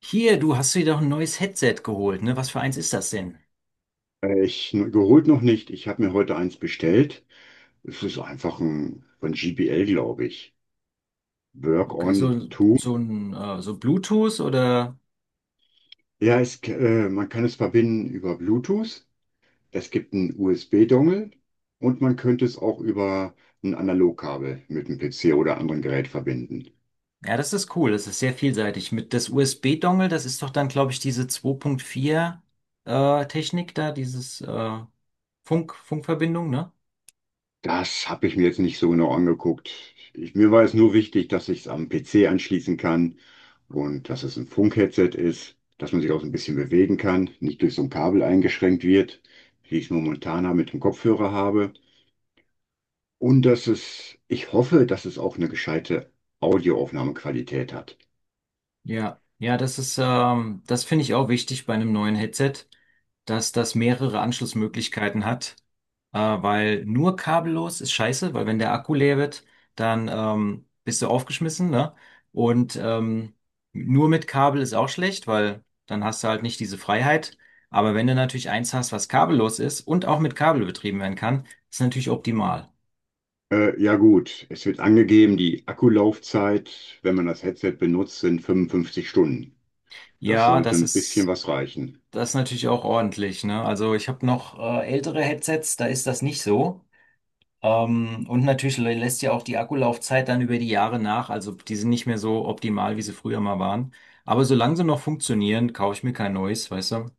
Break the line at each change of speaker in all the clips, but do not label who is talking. Hier, du hast dir doch ein neues Headset geholt, ne? Was für eins ist das denn?
Ich geholt noch nicht. Ich habe mir heute eins bestellt. Es ist einfach ein von GBL, glaube ich. Work
Okay,
on
so,
2.
so ein so Bluetooth oder?
Ja, man kann es verbinden über Bluetooth. Es gibt einen USB-Dongle und man könnte es auch über ein Analogkabel mit dem PC oder anderen Gerät verbinden.
Ja, das ist cool. Das ist sehr vielseitig. Mit das USB-Dongle, das ist doch dann, glaube ich, diese 2.4 Technik da, dieses Funkverbindung, ne?
Das habe ich mir jetzt nicht so genau angeguckt. Mir war es nur wichtig, dass ich es am PC anschließen kann und dass es ein Funkheadset ist, dass man sich auch so ein bisschen bewegen kann, nicht durch so ein Kabel eingeschränkt wird, wie ich es momentan mit dem Kopfhörer habe. Ich hoffe, dass es auch eine gescheite Audioaufnahmequalität hat.
Ja, ja, das ist, das finde ich auch wichtig bei einem neuen Headset, dass das mehrere Anschlussmöglichkeiten hat, weil nur kabellos ist scheiße, weil wenn der Akku leer wird, dann bist du aufgeschmissen, ne? Und nur mit Kabel ist auch schlecht, weil dann hast du halt nicht diese Freiheit. Aber wenn du natürlich eins hast, was kabellos ist und auch mit Kabel betrieben werden kann, ist natürlich optimal.
Ja gut, es wird angegeben, die Akkulaufzeit, wenn man das Headset benutzt, sind 55 Stunden. Das
Ja,
sollte
das
ein bisschen
ist
was reichen.
das ist natürlich auch ordentlich, ne? Also ich habe noch ältere Headsets, da ist das nicht so. Und natürlich lässt ja auch die Akkulaufzeit dann über die Jahre nach. Also die sind nicht mehr so optimal, wie sie früher mal waren. Aber solange sie noch funktionieren, kaufe ich mir kein neues, weißt du?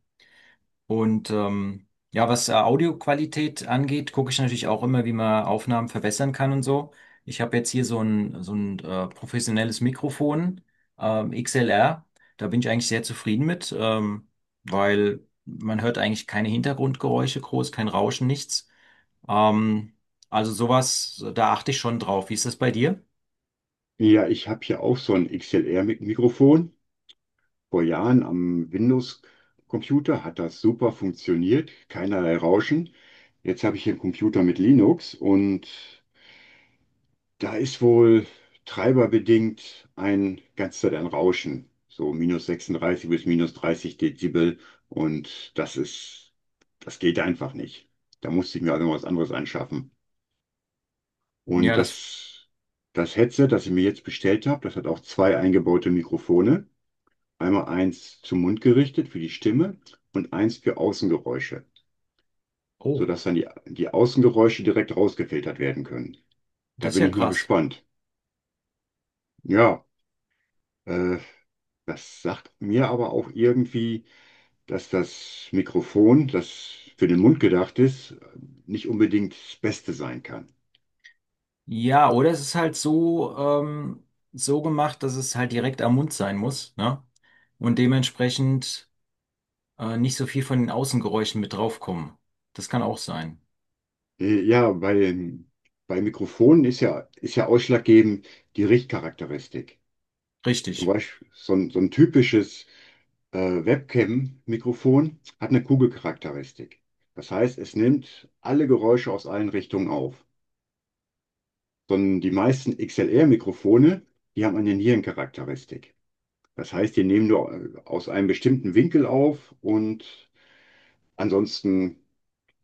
Und ja, was Audioqualität angeht, gucke ich natürlich auch immer, wie man Aufnahmen verbessern kann und so. Ich habe jetzt hier so ein professionelles Mikrofon, XLR. Da bin ich eigentlich sehr zufrieden mit, weil man hört eigentlich keine Hintergrundgeräusche groß, kein Rauschen, nichts. Ähm, also sowas, da achte ich schon drauf. Wie ist das bei dir?
Ja, ich habe hier auch so ein XLR-Mikrofon. Vor Jahren am Windows-Computer hat das super funktioniert, keinerlei Rauschen. Jetzt habe ich hier einen Computer mit Linux und da ist wohl treiberbedingt ein ganz Zeit ein Rauschen, so minus 36 bis minus 30 Dezibel und das ist, das geht einfach nicht. Da musste ich mir also was anderes anschaffen.
Ja,
Und
das,
das, Das Headset, das ich mir jetzt bestellt habe, das hat auch zwei eingebaute Mikrofone. Einmal eins zum Mund gerichtet für die Stimme und eins für Außengeräusche,
oh,
sodass dann die Außengeräusche direkt rausgefiltert werden können. Da
das ist
bin
ja
ich mal
krass.
gespannt. Ja, äh, das sagt mir aber auch irgendwie, dass das Mikrofon, das für den Mund gedacht ist, nicht unbedingt das Beste sein kann.
Ja, oder es ist halt so, so gemacht, dass es halt direkt am Mund sein muss, ne? Und dementsprechend nicht so viel von den Außengeräuschen mit draufkommen. Das kann auch sein.
Ja, bei Mikrofonen ist ja ausschlaggebend die Richtcharakteristik. Zum
Richtig.
Beispiel so ein typisches Webcam-Mikrofon hat eine Kugelcharakteristik. Das heißt, es nimmt alle Geräusche aus allen Richtungen auf. Sondern die meisten XLR-Mikrofone, die haben eine Nierencharakteristik. Das heißt, die nehmen nur aus einem bestimmten Winkel auf und ansonsten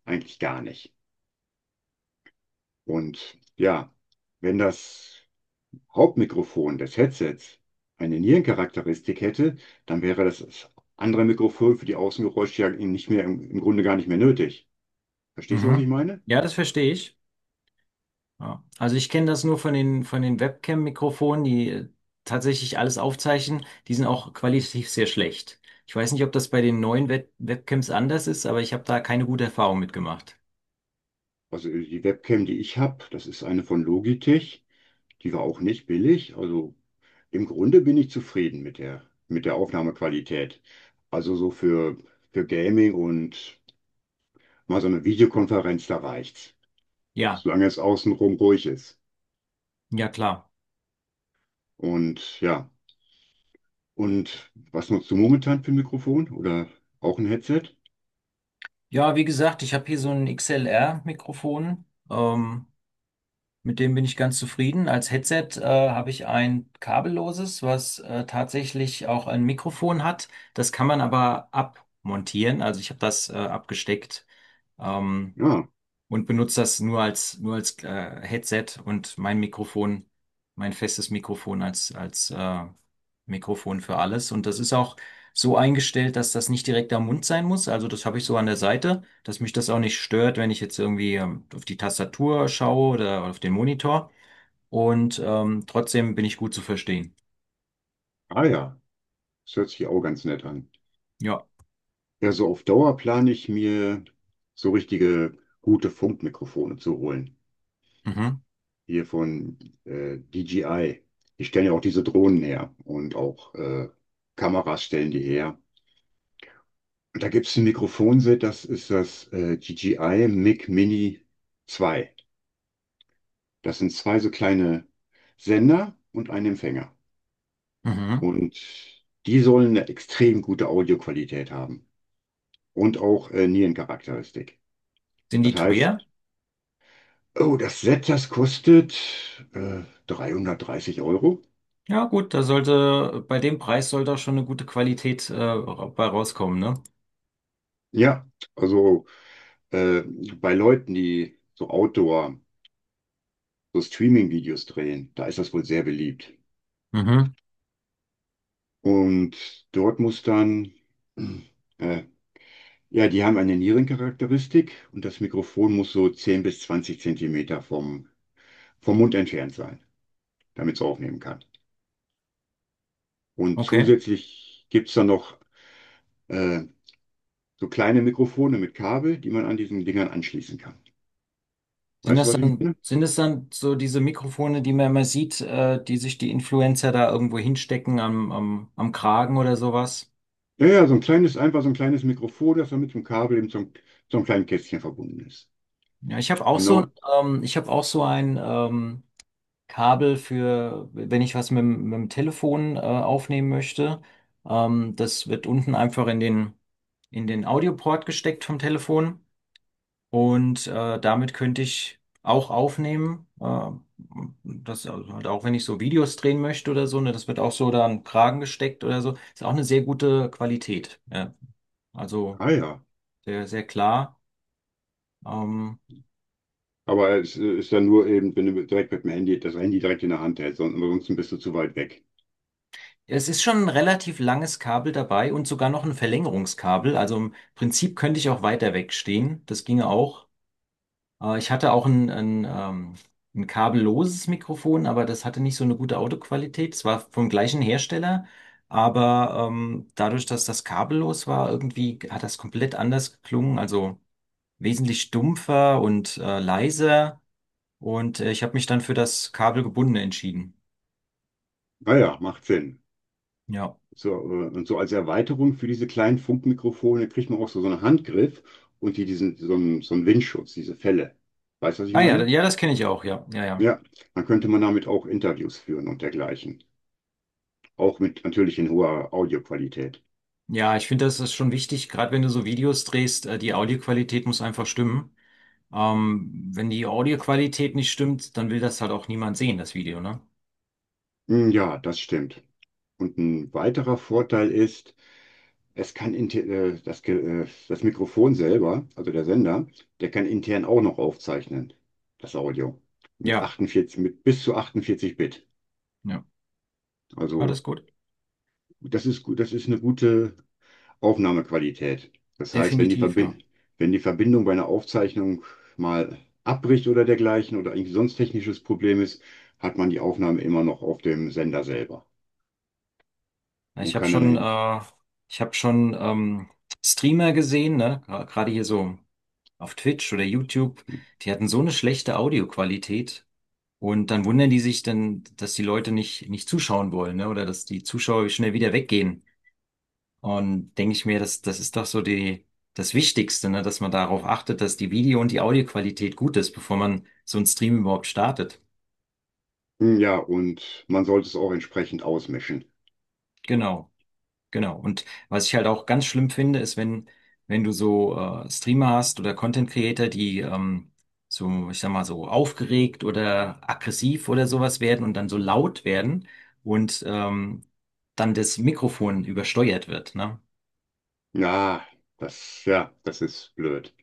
eigentlich gar nicht. Und ja, wenn das Hauptmikrofon des Headsets eine Nierencharakteristik hätte, dann wäre das andere Mikrofon für die Außengeräusche ja nicht mehr, im Grunde gar nicht mehr nötig. Verstehst du, was ich
Mhm.
meine?
Ja, das verstehe ich. Ja. Also ich kenne das nur von den Webcam-Mikrofonen, die tatsächlich alles aufzeichnen. Die sind auch qualitativ sehr schlecht. Ich weiß nicht, ob das bei den neuen Webcams anders ist, aber ich habe da keine gute Erfahrung mitgemacht.
Also die Webcam, die ich habe, das ist eine von Logitech. Die war auch nicht billig. Also im Grunde bin ich zufrieden mit der Aufnahmequalität. Also für Gaming und mal so eine Videokonferenz, da reicht's.
Ja,
Solange es außenrum ruhig ist.
ja klar.
Und ja, und was nutzt du momentan für ein Mikrofon? Oder auch ein Headset?
Ja, wie gesagt, ich habe hier so ein XLR-Mikrofon. Ähm, mit dem bin ich ganz zufrieden. Als Headset habe ich ein kabelloses, was tatsächlich auch ein Mikrofon hat. Das kann man aber abmontieren. Also ich habe das abgesteckt. Ähm,
Ja,
und benutze das nur als Headset und mein Mikrofon, mein festes Mikrofon als Mikrofon für alles. Und das ist auch so eingestellt, dass das nicht direkt am Mund sein muss. Also das habe ich so an der Seite, dass mich das auch nicht stört, wenn ich jetzt irgendwie auf die Tastatur schaue oder auf den Monitor. Und trotzdem bin ich gut zu verstehen.
ah ja, das hört sich auch ganz nett an.
Ja.
Ja, so auf Dauer plane ich mir so richtige gute Funkmikrofone zu holen.
Mhm.
Hier von DJI. Die stellen ja auch diese Drohnen her und auch Kameras stellen die her. Und da gibt es ein Mikrofonset, das ist das DJI Mic Mini 2. Das sind zwei so kleine Sender und ein Empfänger.
Mhm.
Und die sollen eine extrem gute Audioqualität haben und auch Nierencharakteristik.
Sind die
Das
teuer?
heißt, Oh, das Set, das kostet äh, 330 Euro.
Ja, gut, da sollte, bei dem Preis sollte auch schon eine gute Qualität bei rauskommen, ne?
Ja, also äh, bei Leuten, die so Outdoor, so Streaming-Videos drehen, da ist das wohl sehr beliebt.
Mhm.
Und dort muss dann, äh, ja, die haben eine Nierencharakteristik und das Mikrofon muss so 10 bis 20 Zentimeter vom Mund entfernt sein, damit es aufnehmen kann. Und
Okay.
zusätzlich gibt es dann noch äh, so kleine Mikrofone mit Kabel, die man an diesen Dingern anschließen kann.
Sind
Weißt du,
das
was ich
dann,
meine?
sind es dann so diese Mikrofone, die man immer sieht, die sich die Influencer da irgendwo hinstecken am Kragen oder sowas?
Ja, ja, so ein kleines, einfach so ein kleines Mikrofon, das dann mit dem Kabel eben zum kleinen Kästchen verbunden ist.
Ja, ich habe auch so,
Genau.
ich habe auch so ein Kabel für, wenn ich was mit, mit dem Telefon aufnehmen möchte. Das wird unten einfach in den Audioport gesteckt vom Telefon. Und damit könnte ich auch aufnehmen. Das also halt auch, wenn ich so Videos drehen möchte oder so, ne, das wird auch so da an den Kragen gesteckt oder so. Ist auch eine sehr gute Qualität. Ja. Also
Ah ja.
sehr, sehr klar. Ähm,
Aber es ist dann nur eben, wenn du direkt mit dem Handy, das Handy direkt in der Hand hältst, ansonsten bist du zu weit weg.
Es ist schon ein relativ langes Kabel dabei und sogar noch ein Verlängerungskabel. Also im Prinzip könnte ich auch weiter wegstehen. Das ginge auch. Ich hatte auch ein kabelloses Mikrofon, aber das hatte nicht so eine gute Audioqualität. Es war vom gleichen Hersteller, aber dadurch, dass das kabellos war, irgendwie hat das komplett anders geklungen, also wesentlich stumpfer und leiser. Und ich habe mich dann für das kabelgebundene entschieden.
Ah ja, macht Sinn.
Ja.
So, und so als Erweiterung für diese kleinen Funkmikrofone kriegt man auch so einen Handgriff und so einen Windschutz, diese Fälle. Weißt du, was ich
Ah ja,
meine?
ja, das kenne ich auch, ja. Ja, ja.
Ja, dann könnte man damit auch Interviews führen und dergleichen. Auch mit natürlich in hoher Audioqualität.
Ja, ich finde, das ist schon wichtig, gerade wenn du so Videos drehst, die Audioqualität muss einfach stimmen. Wenn die Audioqualität nicht stimmt, dann will das halt auch niemand sehen, das Video, ne?
Hm, ja, das stimmt. Und ein weiterer Vorteil ist, es kann inte- das, Ge- das Mikrofon selber, also der Sender, der kann intern auch noch aufzeichnen, das Audio.
Ja,
Mit bis zu 48 Bit.
ja,
Also
alles gut.
das ist gut, das ist eine gute Aufnahmequalität. Das heißt, wenn die
Definitiv, ja.
Verbind wenn die Verbindung bei einer Aufzeichnung mal abbricht oder dergleichen oder irgendwie sonst technisches Problem ist, hat man die Aufnahme immer noch auf dem Sender selber
Na, ich
und
habe
kann dann
schon,
hin.
ich habe schon Streamer gesehen, ne? Gerade hier so auf Twitch oder YouTube, die hatten so eine schlechte Audioqualität und dann wundern die sich dann, dass die Leute nicht zuschauen wollen, ne? Oder dass die Zuschauer schnell wieder weggehen. Und denke ich mir, das ist doch so die, das Wichtigste, ne, dass man darauf achtet, dass die Video- und die Audioqualität gut ist, bevor man so einen Stream überhaupt startet.
Hm, ja, und man sollte es auch entsprechend ausmischen.
Genau, genau. Und was ich halt auch ganz schlimm finde, ist, wenn du so Streamer hast oder Content Creator, die so, ich sag mal, so aufgeregt oder aggressiv oder sowas werden und dann so laut werden und dann das Mikrofon übersteuert wird, ne?
Ja, Das ist blöd.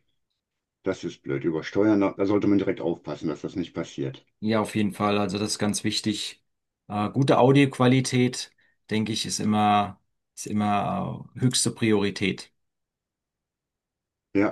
Das ist blöd. Über Steuern, da sollte man direkt aufpassen, dass das nicht passiert.
Ja, auf jeden Fall. Also das ist ganz wichtig. Gute Audioqualität, denke ich, ist immer höchste Priorität.
Ja.